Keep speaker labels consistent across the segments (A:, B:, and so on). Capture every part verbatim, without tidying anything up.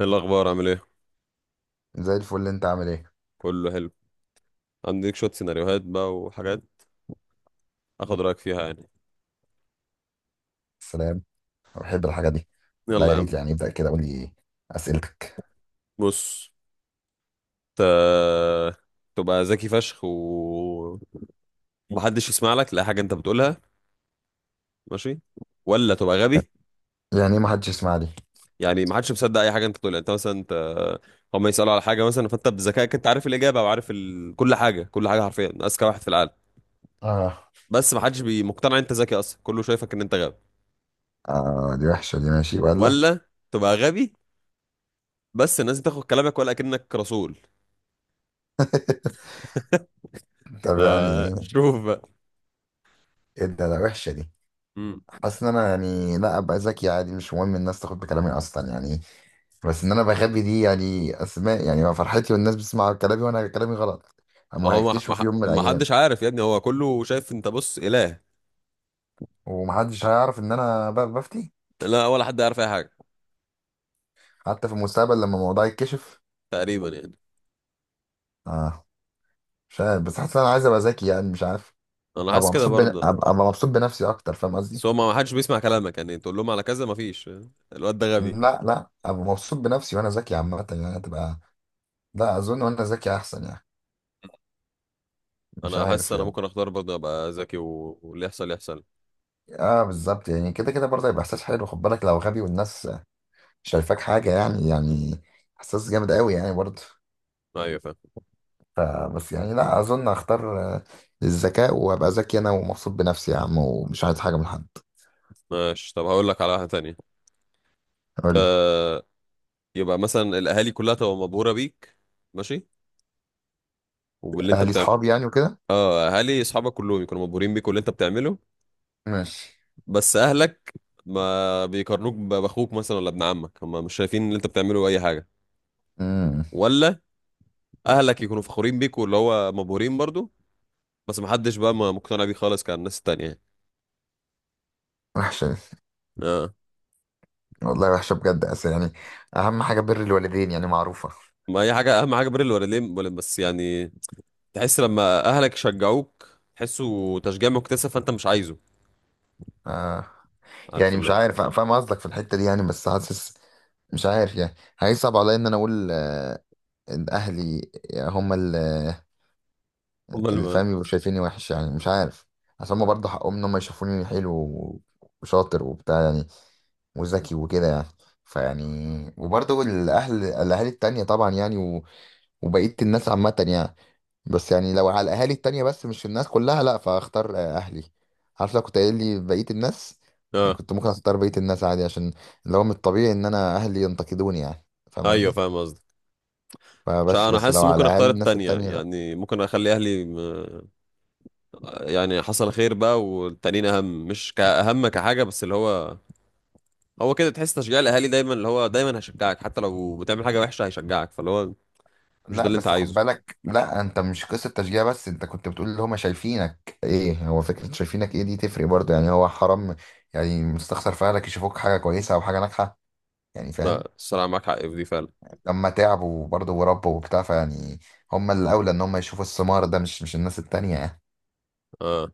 A: ايه الاخبار عامل ايه؟
B: زي الفل، انت عامل ايه؟
A: كله حلو. عندك شويه سيناريوهات بقى وحاجات اخد رايك فيها يعني.
B: سلام. انا بحب الحاجه دي. لا
A: يلا
B: يا
A: يا
B: ريت،
A: عم.
B: يعني ابدا كده، قول لي اسئلتك.
A: بص، ت... تبقى ذكي فشخ و- ومحدش يسمع لك لا حاجه انت بتقولها، ماشي، ولا تبقى غبي؟
B: يعني ايه ما حدش يسمع لي؟
A: يعني محدش مصدق اي حاجه انت بتقولها. انت مثلا، انت هم يسالوا على حاجه مثلا، فانت بذكائك انت عارف الاجابه وعارف ال... كل حاجه، كل حاجه حرفيا اذكى واحد في العالم.
B: اه.
A: بس محدش بي- مقتنع انت ذكي اصلا، كله شايفك ان انت غبي.
B: اه دي وحشه دي، ماشي ولا؟
A: ولا تبقى غبي بس الناس بتاخد كلامك ولا كأنك رسول.
B: طب يعني
A: آه
B: ايه؟
A: شوف.
B: ايه ده؟ ده وحشه دي.
A: مم.
B: حاسس ان انا يعني لا ابقى ذكي عادي، مش مهم الناس تاخد بكلامي اصلا يعني. بس ان انا بخبي دي، يعني اسماء يعني ما فرحتي، والناس بتسمع كلامي وانا كلامي غلط. هم
A: ما هو ما
B: هيكتشفوا في
A: ما
B: يوم من
A: ما
B: الايام.
A: حدش عارف يا ابني، هو كله شايف انت بص اله.
B: ومحدش هيعرف ان انا ب- بفتي
A: لا ولا حد عارف اي حاجه.
B: حتى في المستقبل لما الموضوع يتكشف.
A: تقريبا يعني.
B: اه. مش عارف بس حاسس إن انا عايز ابقى ذكي، يعني مش عارف.
A: انا
B: ابقى
A: حاسس كده
B: مبسوط بن...
A: برضه.
B: ابقى أبقى مبسوط بنفسي اكتر، فاهم قصدي؟
A: بس هو ما ما حدش بيسمع كلامك يعني، تقول لهم على كذا ما فيش، الواد ده غبي.
B: لا لا، ابقى مبسوط بنفسي وانا ذكي عامه، يعني هتبقى. لا اظن وانا ذكي احسن يعني. مش
A: انا حاسس
B: عارف
A: انا
B: يعني.
A: ممكن اختار برضه ابقى ذكي و- واللي يحصل يحصل.
B: اه بالظبط، يعني كده كده برضه هيبقى احساس حلو، خد بالك لو غبي والناس شايفاك حاجه. يعني يعني احساس جامد قوي يعني برضه.
A: ايوه فاهم.
B: ف- بس يعني لا اظن هختار آه، الذكاء، وابقى ذكي انا ومبسوط بنفسي يا عم، ومش عايز حاجه من حد.
A: ماشي، طب هقول لك على واحده تانية.
B: قول لي.
A: ت- يبقى مثلا الاهالي كلها تبقى مبهوره بيك، ماشي، وباللي انت
B: اهلي
A: بتعمل.
B: صحابي يعني وكده.
A: اه، اهالي اصحابك كلهم يكونوا مبهورين بيك واللي انت بتعمله،
B: ماشي.
A: بس اهلك ما بيقارنوك ب- باخوك مثلا ولا ابن عمك، هم مش شايفين ان انت بتعمله اي حاجه.
B: امم
A: ولا اهلك يكونوا فخورين بيك واللي هو مبهورين برضو، بس محدش بقى ما مقتنع بيه خالص، كان الناس التانية يعني.
B: وحشه دي.
A: اه.
B: والله وحشة بجد، أصل يعني أهم حاجة بر الوالدين يعني معروفة.
A: ما هي حاجه، اهم حاجه بر الوالدين ولا- بس يعني تحس لما اهلك يشجعوك تحسه تشجيع مكتسب، فانت مش عايزه.
B: آه.
A: عارف
B: يعني
A: اللي
B: مش
A: هو
B: عارف، أنا فاهم قصدك في الحتة دي يعني، بس حاسس مش عارف يعني. هيصعب عليا إن أنا أقول آه إن أهلي هم اللي
A: هم
B: اللي
A: الم...
B: فاهم يبقوا شايفيني وحش، يعني مش عارف. عشان هما برضه حقهم إن هما يشوفوني حلو و- وشاطر وبتاع يعني، وذكي وكده يعني. فيعني، وبرضه الأهل الأهالي التانية طبعا يعني، و- وبقية الناس عامة يعني. بس يعني لو على الاهالي التانية بس، مش الناس كلها، لا فاختار اهلي. عارف لو كنت قايل لي بقية الناس، يعني
A: اه
B: كنت ممكن اختار بقية الناس عادي، عشان اللي هو من الطبيعي ان انا اهلي ينتقدوني يعني. فاهم
A: ايوه
B: قصدي؟
A: فاهم قصدك. مش ع-
B: فبس،
A: انا
B: بس
A: حاسس
B: لو على
A: ممكن
B: اهالي
A: اختار
B: الناس
A: التانية
B: التانية لا.
A: يعني، ممكن اخلي اهلي يعني حصل خير بقى، والتانيين اهم، مش كأهم كحاجه، بس اللي هو هو كده تحس تشجيع الاهالي دايما، اللي هو دايما هيشجعك حتى لو بتعمل حاجه وحشه هيشجعك، فاللي هو مش ده
B: لا،
A: اللي انت
B: بس خد
A: عايزه.
B: بالك، لا انت مش قصة تشجيع بس، انت كنت بتقول اللي هما شايفينك ايه. هو فكرة شايفينك ايه دي تفرق برضه يعني. هو حرام يعني مستخسر في اهلك يشوفوك حاجة كويسة او حاجة ناجحة؟ يعني فاهم.
A: لا الصراحه معاك حق في دي فعلا.
B: لما تعبوا برضه وربوا وبتاع، فيعني هم الأولى إن هم يشوفوا الثمار ده، مش مش الناس التانية يعني.
A: اه.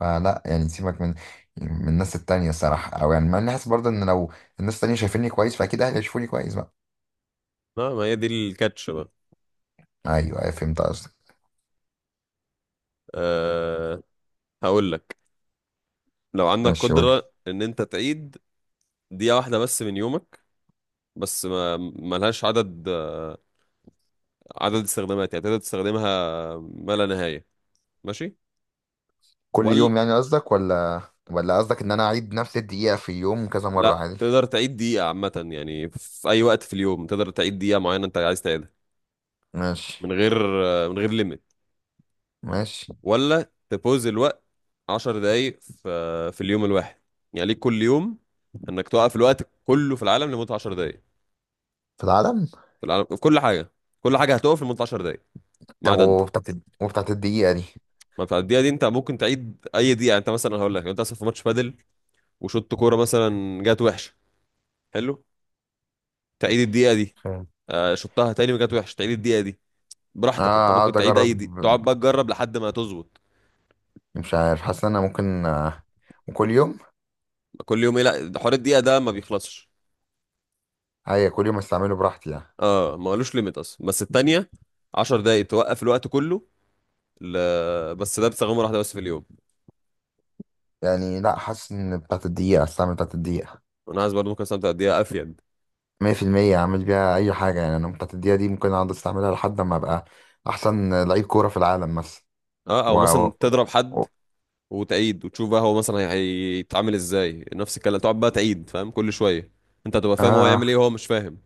B: فلا يعني، سيبك من من الناس التانية الصراحة. أو يعني ما أنا حاسس برضه إن لو الناس التانية شايفيني كويس فأكيد أهلي هيشوفوني كويس بقى.
A: لا ما هي دي الكاتش بقى.
B: أيوه أيوه، فهمت قصدك.
A: آه، هقول لك، لو عندك
B: ماشي قول لي.
A: قدره ان انت تعيد دقيقه واحده بس من يومك، بس ما ملهاش عدد، عدد استخدامات يعني تقدر تستخدمها، ما لا نهايه، ماشي،
B: كل
A: ولا
B: يوم يعني قصدك ولا؟ ولا قصدك إن أنا أعيد نفس الدقيقة في يوم كذا مرة
A: لا
B: عادي؟
A: تقدر تعيد دقيقة عامة يعني في أي وقت في اليوم تقدر تعيد دقيقة معينة أنت عايز تعيدها،
B: ماشي.
A: من غير من غير ليميت،
B: ماشي.
A: ولا تبوز الوقت؟ عشر دقايق في في اليوم الواحد يعني، ليك كل يوم إنك توقف الوقت كله في العالم لمدة عشر دقايق.
B: في العالم؟
A: في العالم، في كل حاجة، كل حاجة هتقف لمدة عشر دقايق ما
B: طب
A: عدا أنت.
B: وبتاعت وبتاعت الدقيقة دي.
A: ما في الدقيقة دي أنت ممكن تعيد أي دقيقة يعني. أنت مثلا هقول لك، لو أنت أصلا في ماتش بادل وشوط كورة مثلا جات وحشة، حلو، تعيد الدقيقة دي.
B: فاهم.
A: آه، شطها تاني وجات وحشة، تعيد الدقيقة دي
B: اه.
A: براحتك. انت ممكن
B: اقعد
A: تعيد
B: اجرب.
A: اي دي، تقعد بقى تجرب لحد ما تظبط.
B: مش عارف، حاسس ان انا ممكن آه، وكل يوم.
A: كل يوم ايه؟ لا ده حوار الدقيقه ده ما بيخلصش.
B: هي كل يوم استعمله براحتي يعني؟
A: اه ما قالوش ليميت اصلا. بس التانية، عشر دقايق توقف الوقت كله، ل... بس ده بتستخدمه واحده بس في اليوم.
B: يعني لا، حاسس ان بتاعت الدقيقة، استعمل بتاعت الدقيقة.
A: انا عايز برضه ممكن استمتع قد افيد.
B: مية في المية اعمل بيها اي حاجة يعني. انا بتاعت الدقيقة دي ممكن اقعد استعملها لحد ما ابقى احسن لعيب كورة في العالم مثلا.
A: اه،
B: و...
A: او مثلا
B: و...
A: تضرب حد
B: و...
A: وتعيد وتشوف بقى، هو مثلا هي- هيتعامل ازاي. نفس الكلام، تقعد بقى تعيد فاهم كل شويه، انت هتبقى فاهم هو يعمل
B: آه
A: ايه وهو مش فاهم.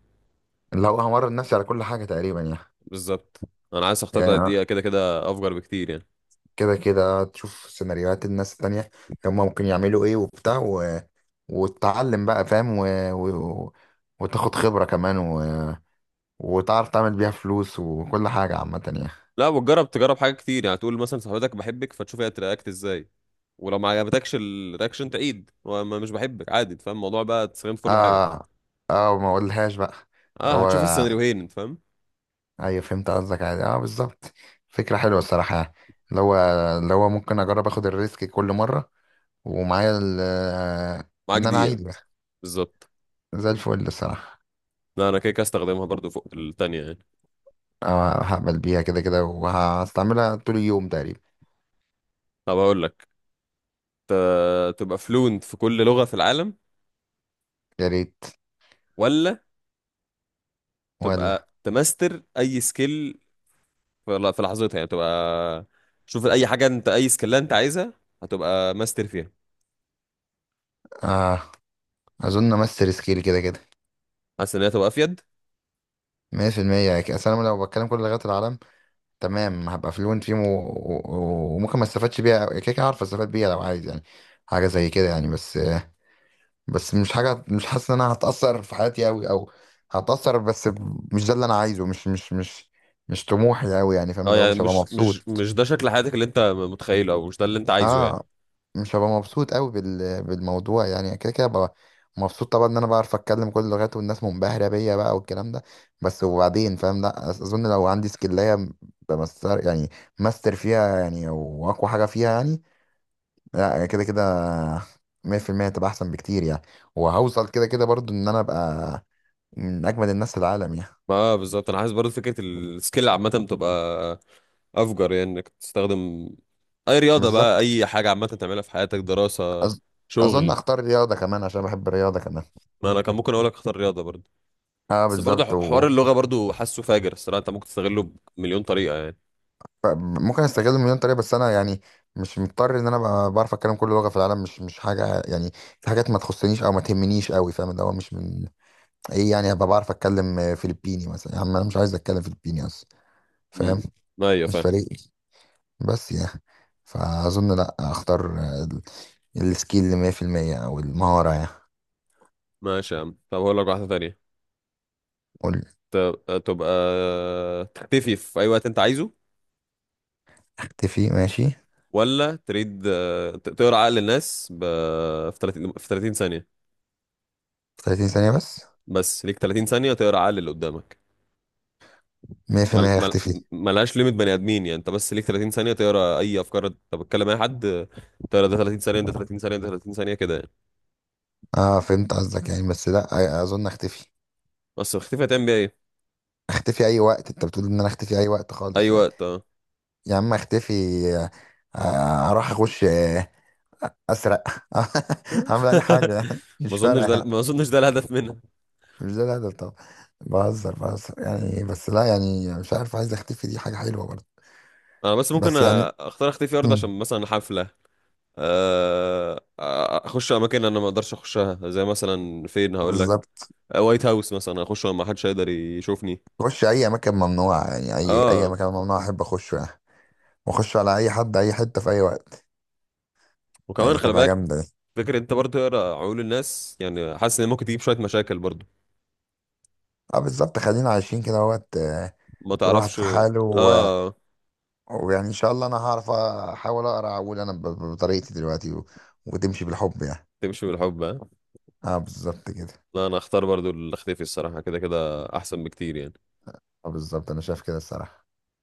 B: لو همرن نفسي على كل حاجة تقريبا يعني.
A: بالظبط، انا عايز اختار بقى
B: يعني آه،
A: الدقيقه، كده كده افجر بكتير يعني.
B: كده كده تشوف سيناريوهات الناس التانية، هما ممكن يعملوا ايه وبتاع، و... وتتعلم بقى فاهم، و... و... وتاخد خبرة كمان، و... وتعرف تعمل بيها فلوس وكل حاجة عامة يعني.
A: لا وتجرب، تجرب حاجات كتير يعني، تقول مثلا صاحبتك بحبك فتشوف هي ترياكت ازاي، ولو ما عجبتكش الرياكشن تعيد وما مش بحبك عادي. أنت فاهم الموضوع بقى، تستخدم في كل حاجه.
B: اه. اه، ما اقولهاش بقى. اللي
A: اه
B: هو.
A: هتشوف السيناريوهين، أنت فاهم،
B: ايوه فهمت قصدك، عادي، اه بالظبط. فكرة حلوة الصراحة يعني. اللي هو اللي هو ممكن اجرب اخد الريسك كل مرة، ومعايا ال- آه،
A: معاك
B: ان انا
A: دقيقه.
B: عادي بقى.
A: بالظبط.
B: زي الفل الصراحة.
A: لا انا كده كده استخدمها برضو فوق التانية يعني.
B: اه، هقبل بيها كده كده وهستعملها طول اليوم تقريبا.
A: طب هقول لك، ت- تبقى فلوينت في كل لغه في العالم،
B: يا ريت.
A: ولا
B: ولا.
A: تبقى تماستر اي سكيل في ل- في لحظتها يعني. تبقى، شوف اي حاجه انت، اي سكيل انت عايزها هتبقى ماستر فيها.
B: اه اظن امس ريسكيل كده كده.
A: حاسس ان هي تبقى افيد.
B: مية في المية، اصل انا لو بتكلم كل لغات العالم تمام هبقى فلوينت فيهم، و... و... و- وممكن ما استفادش بيها كده كده، عارف استفاد بيها لو عايز يعني حاجه زي كده يعني. بس، بس مش حاجه، مش حاسس ان انا هتاثر في حياتي قوي او هتاثر. بس مش ده اللي انا عايزه، مش مش مش مش طموحي قوي يعني. فاهم
A: اه
B: اللي هو
A: يعني
B: مش هبقى
A: مش مش
B: مبسوط.
A: مش ده شكل حياتك اللي انت متخيله، او مش ده اللي انت عايزه يعني.
B: اه مش هبقى مبسوط قوي بال... بالموضوع يعني. كده كده هبقى مبسوط طبعا ان انا بعرف اتكلم كل اللغات والناس منبهره بيا بقى والكلام ده، بس وبعدين فاهم. لا أس- اظن لو عندي سكلايه بمستر، يعني ماستر فيها يعني، واقوى حاجه فيها يعني، لا كده كده مية في المية هتبقى احسن بكتير يعني، وهوصل كده كده برضو ان انا ابقى من اجمد الناس في العالم يعني.
A: ما اه بالظبط، انا عايز برضه فكره السكيل عامه تبقى افجر يعني، انك تستخدم اي رياضه بقى،
B: بالظبط.
A: اي حاجه عامه تعملها في حياتك، دراسه،
B: أظ... اظن
A: شغل.
B: اختار رياضه كمان عشان بحب الرياضه كمان.
A: ما انا كان ممكن اقول لك اختار رياضه برضه،
B: اه
A: بس برضه
B: بالظبط.
A: ح- حوار اللغه برضه حاسه فاجر الصراحه، انت ممكن تستغله بمليون طريقه يعني.
B: ممكن استغل مليون طريقه، بس انا يعني مش مضطر ان انا ابقى بعرف اتكلم كل لغه في العالم، مش مش حاجه يعني، في حاجات ما تخصنيش او ما تهمنيش قوي. فاهم اللي هو مش من. ايه يعني هبقى بعرف اتكلم آه، فلبيني مثلا؟ يا عم انا مش عايز اتكلم فلبيني اصلا، فاهم.
A: امم، ايوه
B: مش
A: فاهم.
B: فارق لي. بس يعني فاظن لا اختار آه، ال- السكيل اللي مية في المية او المهاره يعني.
A: ماشي يا عم، طب هقول لك واحده تانية.
B: قول.
A: ت- تبقى تختفي في اي وقت انت عايزه،
B: اختفي ماشي.
A: ولا تريد آه، ت- تقرا عقل الناس ب... في تلاتين، في تلاتين ثانية.
B: في تلاتين ثانيه بس؟
A: بس ليك تلاتين ثانية تقرا عقل اللي قدامك. مل...
B: مية في المية.
A: مل...
B: اختفي.
A: ملهاش ليميت، بني ادمين يعني، انت بس ليك تلاتين ثانية تقرا اي افكار، انت بتكلم اي حد آه، تقرا ده تلاتين ثانية، ده تلاتين ثانية، ده تلاتين ثانية، كده يعني.
B: اه فهمت قصدك، يعني بس لا أ- اظن اختفي.
A: بس اختفي هتعمل بيها ايه؟
B: اختفي اي وقت، انت بتقول ان انا اختفي اي وقت
A: اي
B: خالص يعني.
A: وقت اه.
B: يا عم اختفي. آه، اروح اخش آه، اسرق اعمل اي حاجه.
A: ما
B: مش
A: اظنش
B: فارقه
A: ده،
B: يعني.
A: ما اظنش ده الهدف منها.
B: مش ده الهدف طبعا. بهزر بهزر، يعني إيه بس لا يعني مش عارف، عايز اختفي دي حاجه حلوه برضه.
A: انا بس ممكن أ-
B: بس يعني
A: اختار اختفي ارض،
B: مم.
A: عشان مثلا حفلة، آه، اخش اماكن انا ما اقدرش اخشها، زي مثلا فين هقول لك،
B: بالظبط.
A: وايت هاوس مثلا، اخش وما حدش هيقدر يشوفني.
B: اخش اي مكان ممنوع يعني، اي اي
A: اه،
B: مكان ممنوع احب اخشه يعني. واخش على اي حد اي حته في اي وقت.
A: وكمان
B: يعني
A: خلي
B: تبقى
A: بالك،
B: جامده دي.
A: فكرة انت برضه تقرا عقول الناس يعني حاسس ان ممكن تجيب شوية مشاكل برضه،
B: اه بالظبط، خلينا عايشين كده وقت،
A: ما
B: كل واحد
A: تعرفش.
B: في حاله.
A: اه.
B: ويعني ان شاء الله انا هعرف احاول اقرا، اقول انا ب- ب- بطريقتي دلوقتي، و... وتمشي بالحب يعني.
A: تمشي بالحب، ها؟
B: اه بالظبط كده.
A: لا انا اختار برضه اللي اختفي الصراحة، كده كده احسن بكتير يعني.
B: اه بالظبط انا شايف كده الصراحة.